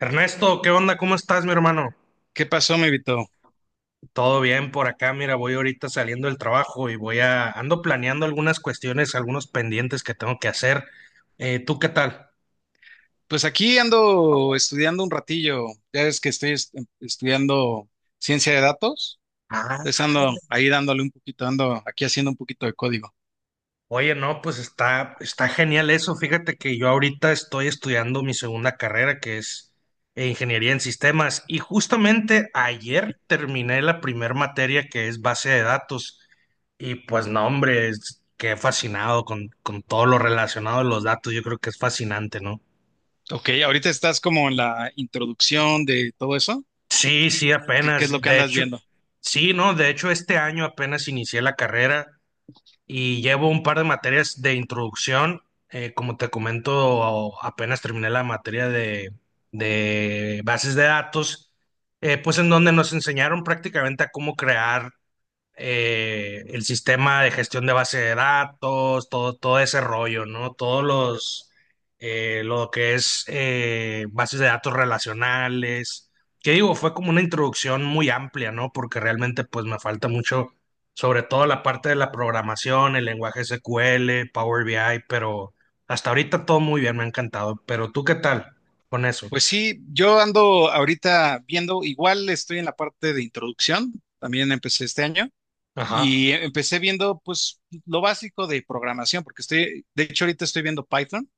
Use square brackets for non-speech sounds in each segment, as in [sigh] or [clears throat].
Ernesto, ¿qué onda? ¿Cómo estás, mi hermano? ¿Qué pasó, mi Vito? Todo bien por acá. Mira, voy ahorita saliendo del trabajo y voy a ando planeando algunas cuestiones, algunos pendientes que tengo que hacer. ¿Tú qué tal? Pues aquí ando estudiando un ratillo. Ya ves que estudiando ciencia de datos. Ah. Entonces ando ahí dándole un poquito, ando aquí haciendo un poquito de código. Oye, no, pues está genial eso. Fíjate que yo ahorita estoy estudiando mi segunda carrera, que es ingeniería en sistemas, y justamente ayer terminé la primer materia que es base de datos. Y pues no, hombre, quedé fascinado con todo lo relacionado a los datos. Yo creo que es fascinante, ¿no? Ok, ahorita estás como en la introducción de todo eso. Sí, sí, ¿Qué apenas. es lo que De andas hecho, viendo? sí, no, de hecho este año apenas inicié la carrera y llevo un par de materias de introducción. Como te comento, apenas terminé la materia de bases de datos, pues en donde nos enseñaron prácticamente a cómo crear el sistema de gestión de base de datos, todo ese rollo, ¿no? Lo que es bases de datos relacionales, que digo, fue como una introducción muy amplia, ¿no? Porque realmente pues me falta mucho, sobre todo la parte de la programación, el lenguaje SQL, Power BI, pero hasta ahorita todo muy bien, me ha encantado. Pero tú, ¿qué tal con eso? Pues sí, yo ando ahorita viendo, igual estoy en la parte de introducción, también empecé este año. Ajá. Y empecé viendo, pues, lo básico de programación, porque estoy, de hecho, ahorita estoy viendo Python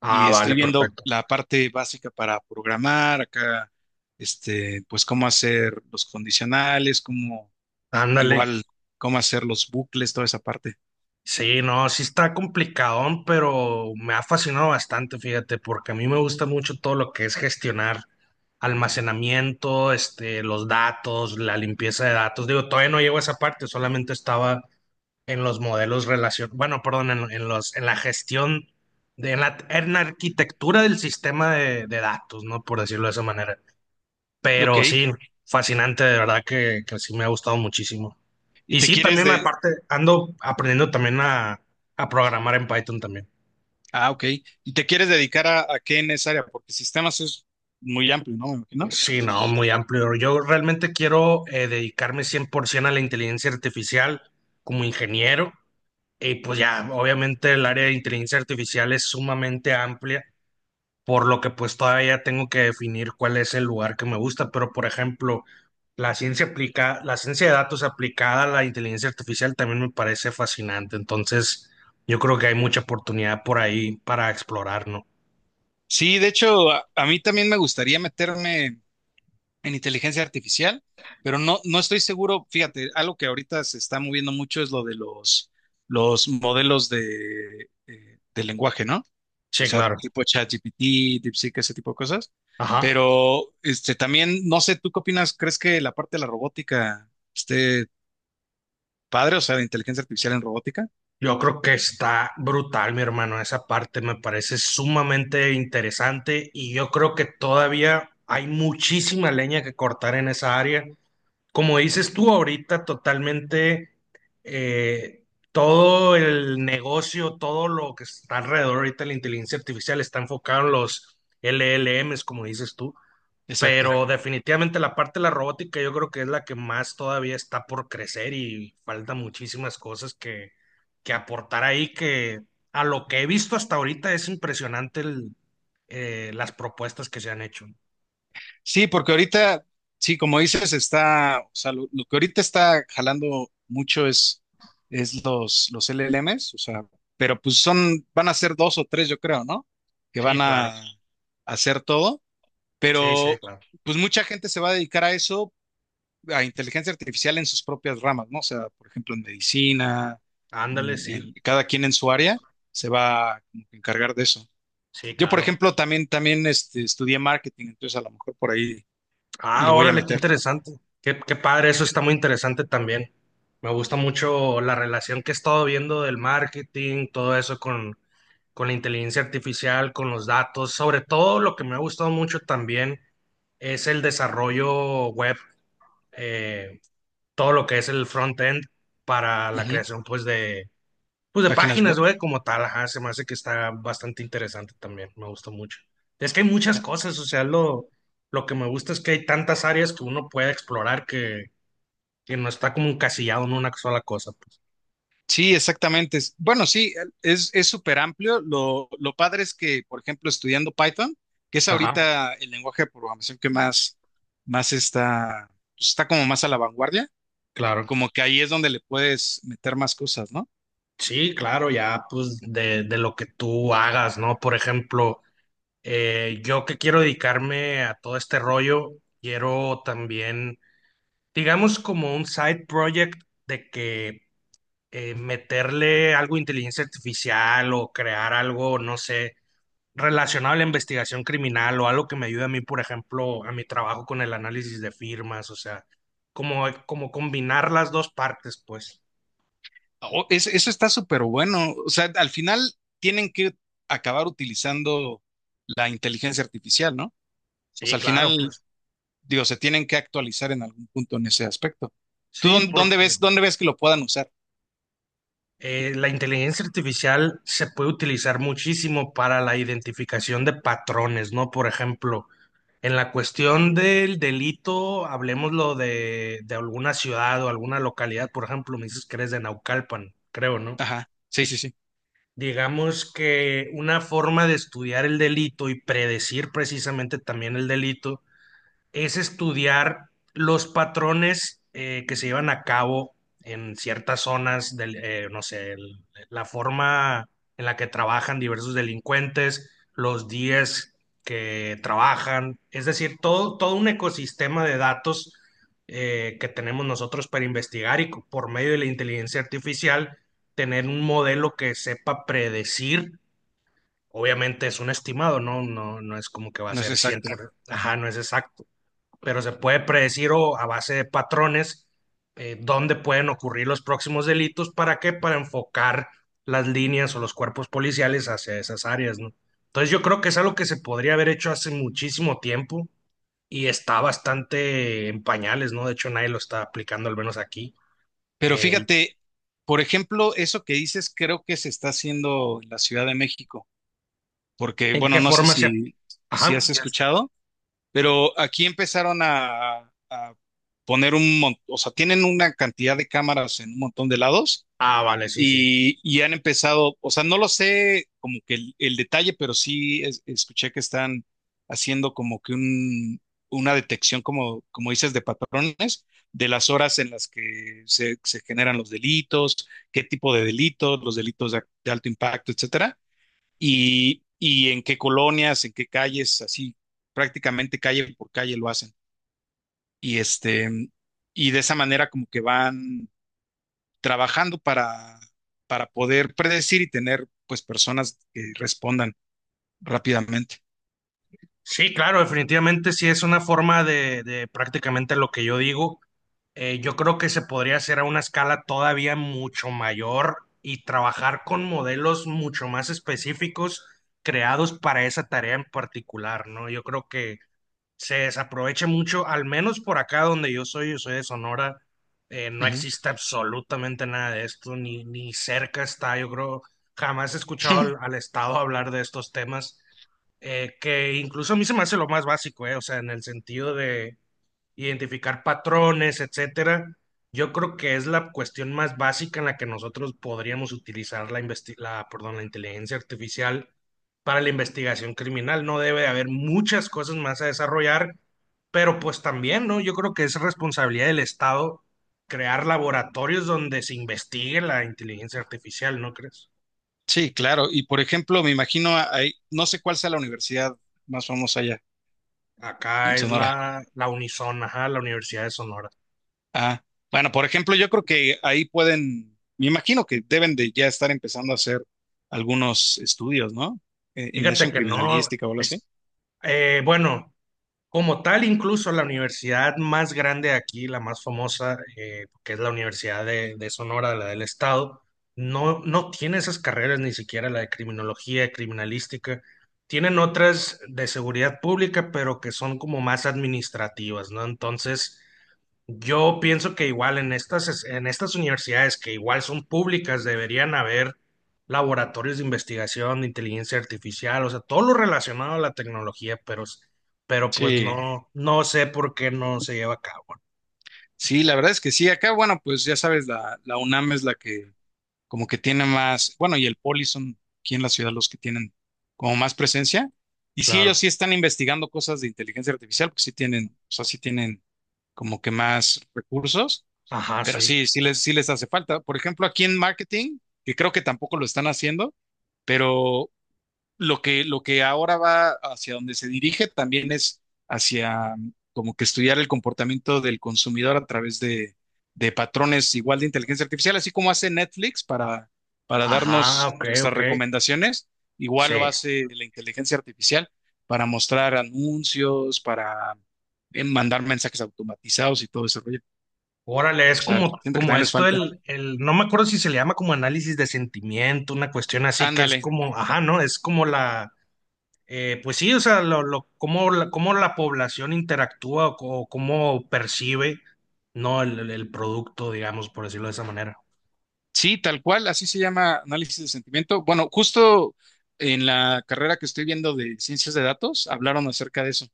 Ah, y estoy vale, viendo perfecto. la parte básica para programar acá, este, pues, cómo hacer los condicionales, cómo, Ándale. igual, cómo hacer los bucles, toda esa parte. Sí, no, sí está complicadón, pero me ha fascinado bastante, fíjate, porque a mí me gusta mucho todo lo que es gestionar almacenamiento, este, los datos, la limpieza de datos. Digo, todavía no llego a esa parte, solamente estaba en los modelos relación, bueno, perdón, en la gestión en la arquitectura del sistema de datos, ¿no? Por decirlo de esa manera. Ok, Pero sí, fascinante, de verdad que sí me ha gustado muchísimo. y Y te sí, quieres también de, aparte ando aprendiendo también a programar en Python también. ah, ok, y te quieres dedicar a qué en esa área, porque sistemas es muy amplio, ¿no? Me imagino. Sí, no, muy amplio. Yo realmente quiero dedicarme 100% a la inteligencia artificial como ingeniero. Y pues ya, obviamente el área de inteligencia artificial es sumamente amplia por lo que pues todavía tengo que definir cuál es el lugar que me gusta, pero por ejemplo, la ciencia de datos aplicada a la inteligencia artificial también me parece fascinante, entonces yo creo que hay mucha oportunidad por ahí para explorar, ¿no? Sí, de hecho, a mí también me gustaría meterme en inteligencia artificial, pero no, no estoy seguro, fíjate, algo que ahorita se está moviendo mucho es lo de los modelos de lenguaje, ¿no? O Sí, sea, claro. tipo ChatGPT, DeepSeek, ese tipo de cosas. Ajá. Pero este también, no sé, ¿tú qué opinas? ¿Crees que la parte de la robótica esté padre? O sea, de inteligencia artificial en robótica. Yo creo que está brutal, mi hermano. Esa parte me parece sumamente interesante y yo creo que todavía hay muchísima leña que cortar en esa área como dices tú ahorita, totalmente eh, todo el negocio, todo lo que está alrededor ahorita de la inteligencia artificial está enfocado en los LLMs, como dices tú, pero Exacto. Exacto. Definitivamente la parte de la robótica yo creo que es la que más todavía está por crecer y falta muchísimas cosas que aportar ahí, que a lo que he visto hasta ahorita es impresionante las propuestas que se han hecho. Sí, porque ahorita, sí, como dices, está, o sea, lo que ahorita está jalando mucho es los LLMs, o sea, pero pues son, van a ser dos o tres, yo creo, ¿no? Que van Sí, claro, a hacer todo, sí, sí, pero claro. pues mucha gente se va a dedicar a eso, a inteligencia artificial en sus propias ramas, ¿no? O sea, por ejemplo, en medicina, Ándale, sí, cada quien en su área se va como que encargar de eso. sí, Yo, por claro. ejemplo, también, también este, estudié marketing, entonces a lo mejor por ahí le Ah, voy a órale, qué meter. interesante. Qué, qué padre, eso está muy interesante también. Me gusta mucho la relación que he estado viendo del marketing, todo eso con la inteligencia artificial, con los datos. Sobre todo lo que me ha gustado mucho también es el desarrollo web, eh, todo lo que es el front-end para la Ujú. creación pues de Páginas páginas web. web como tal, ajá, se me hace que está bastante interesante también, me gusta mucho. Es que hay muchas Ya. cosas, o sea, lo que me gusta es que hay tantas áreas que uno puede explorar que no está como encasillado en una sola cosa, pues. Sí, exactamente. Bueno, sí, es súper amplio. Lo padre es que, por ejemplo, estudiando Python, que es Ajá, ahorita el lenguaje de programación que más, más está, pues, está como más a la vanguardia, claro. como que ahí es donde le puedes meter más cosas, ¿no? Sí, claro, ya pues de lo que tú hagas, ¿no? Por ejemplo, yo que quiero dedicarme a todo este rollo, quiero también, digamos, como un side project de que meterle algo de inteligencia artificial o crear algo, no sé, relacionado a la investigación criminal o algo que me ayude a mí, por ejemplo, a mi trabajo con el análisis de firmas, o sea, como, como combinar las dos partes, pues. Eso está súper bueno. O sea, al final tienen que acabar utilizando la inteligencia artificial, ¿no? O Sí, sea, al claro, final pues. digo, se tienen que actualizar en algún punto en ese aspecto. ¿Tú Sí, dónde porque ves, dónde ves que lo puedan usar? La inteligencia artificial se puede utilizar muchísimo para la identificación de patrones, ¿no? Por ejemplo, en la cuestión del delito, hablemoslo de alguna ciudad o alguna localidad, por ejemplo, me dices que eres de Naucalpan, creo, ¿no? Ajá, sí, sí, sí, Digamos que una forma de estudiar el delito y predecir precisamente también el delito es estudiar los patrones que se llevan a cabo en ciertas zonas no sé, la forma en la que trabajan diversos delincuentes, los días que trabajan, es decir, todo un ecosistema de datos que tenemos nosotros para investigar y por medio de la inteligencia artificial tener un modelo que sepa predecir. Obviamente es un estimado, ¿no? No, no es como que va a no es ser exacto. 100%, ajá, no es exacto, pero se puede predecir o a base de patrones dónde pueden ocurrir los próximos delitos. ¿Para qué? Para enfocar las líneas o los cuerpos policiales hacia esas áreas, ¿no? Entonces yo creo que es algo que se podría haber hecho hace muchísimo tiempo y está bastante en pañales, ¿no? De hecho nadie lo está aplicando, al menos aquí. Pero Eh, fíjate, por ejemplo, eso que dices creo que se está haciendo en la Ciudad de México, porque, ¿En bueno, qué no sé forma se... si, si Ajá. has escuchado, pero aquí empezaron a poner un montón, o sea, tienen una cantidad de cámaras en un montón de lados Ah, vale, sí, sí. Y han empezado, o sea, no lo sé como que el detalle, pero sí escuché que están haciendo como que un, una detección, como, como dices, de patrones, de las horas en las que se generan los delitos, qué tipo de delitos, los delitos de alto impacto, etcétera, y en qué colonias, en qué calles, así prácticamente calle por calle lo hacen. Y este, y de esa manera como que van trabajando para poder predecir y tener pues personas que respondan rápidamente. Sí, claro, definitivamente sí es una forma de prácticamente lo que yo digo. Yo creo que se podría hacer a una escala todavía mucho mayor y trabajar con modelos mucho más específicos creados para esa tarea en particular, ¿no? Yo creo que se desaprovecha mucho, al menos por acá donde yo soy de Sonora, no Ujú. existe absolutamente nada de esto, ni, ni cerca está, yo creo, jamás he escuchado [clears throat] [laughs] al Estado hablar de estos temas, que incluso a mí se me hace lo más básico, o sea, en el sentido de identificar patrones, etcétera. Yo creo que es la cuestión más básica en la que nosotros podríamos utilizar perdón, la inteligencia artificial para la investigación criminal. No debe de haber muchas cosas más a desarrollar, pero pues también, ¿no? Yo creo que es responsabilidad del Estado crear laboratorios donde se investigue la inteligencia artificial, ¿no crees? Sí, claro. Y por ejemplo, me imagino ahí, no sé cuál sea la universidad más famosa allá Acá en es Sonora. La Unison, ajá, la Universidad de Sonora. Ah, bueno, por ejemplo, yo creo que ahí pueden, me imagino que deben de ya estar empezando a hacer algunos estudios, ¿no? En eso, Fíjate en que no, criminalística o algo así. es, bueno. Como tal, incluso la universidad más grande aquí, la más famosa, que es la Universidad de Sonora, la del Estado, no, no tiene esas carreras, ni siquiera la de criminología, criminalística. Tienen otras de seguridad pública, pero que son como más administrativas, ¿no? Entonces, yo pienso que igual en estas, en estas universidades que igual son públicas deberían haber laboratorios de investigación de inteligencia artificial, o sea, todo lo relacionado a la tecnología, pero, pero pues Sí, no, no sé por qué no se lleva a cabo. sí, la verdad es que sí. Acá, bueno, pues ya sabes, la UNAM es la que como que tiene más, bueno, y el Poli son aquí en la ciudad los que tienen como más presencia. Y sí, ellos Claro. sí están investigando cosas de inteligencia artificial, porque sí tienen, o sea, sí tienen como que más recursos, Ajá, pero sí. sí, sí les hace falta. Por ejemplo, aquí en marketing, que creo que tampoco lo están haciendo, pero lo que ahora va hacia donde se dirige también es hacia mm, como que estudiar el comportamiento del consumidor a través de patrones igual de inteligencia artificial, así como hace Netflix para Ajá, darnos ok, nuestras ok. recomendaciones, igual lo Sí. hace la inteligencia artificial para mostrar anuncios, para mandar mensajes automatizados y todo ese rollo. Órale, O es sea, como, siento que como también les esto falta. No me acuerdo si se le llama como análisis de sentimiento, una cuestión así que es Ándale, como, ajá, ¿no? Es como la pues sí, o sea, cómo, cómo la población interactúa o, cómo percibe, ¿no? El producto, digamos, por decirlo de esa manera. sí, tal cual, así se llama análisis de sentimiento. Bueno, justo en la carrera que estoy viendo de ciencias de datos, hablaron acerca de eso.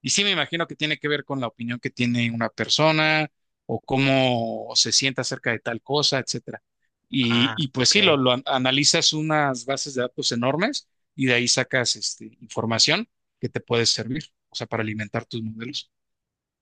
Y sí, me imagino que tiene que ver con la opinión que tiene una persona o cómo se siente acerca de tal cosa, etcétera. Ah, Y pues sí, ok. Analizas unas bases de datos enormes y de ahí sacas este, información que te puede servir, o sea, para alimentar tus modelos.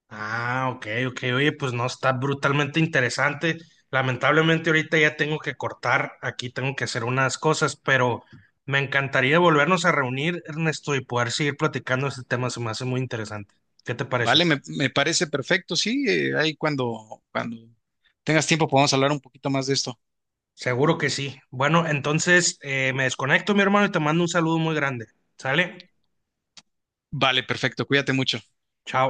Ah, ok, ok. Oye, pues no, está brutalmente interesante. Lamentablemente ahorita ya tengo que cortar, aquí tengo que hacer unas cosas, pero me encantaría volvernos a reunir, Ernesto, y poder seguir platicando este tema, se me hace muy interesante. ¿Qué te parece? Vale, me parece perfecto, sí, ahí cuando tengas tiempo podemos hablar un poquito más de esto. Seguro que sí. Bueno, entonces me desconecto, mi hermano, y te mando un saludo muy grande. ¿Sale? Vale, perfecto. Cuídate mucho. Chao.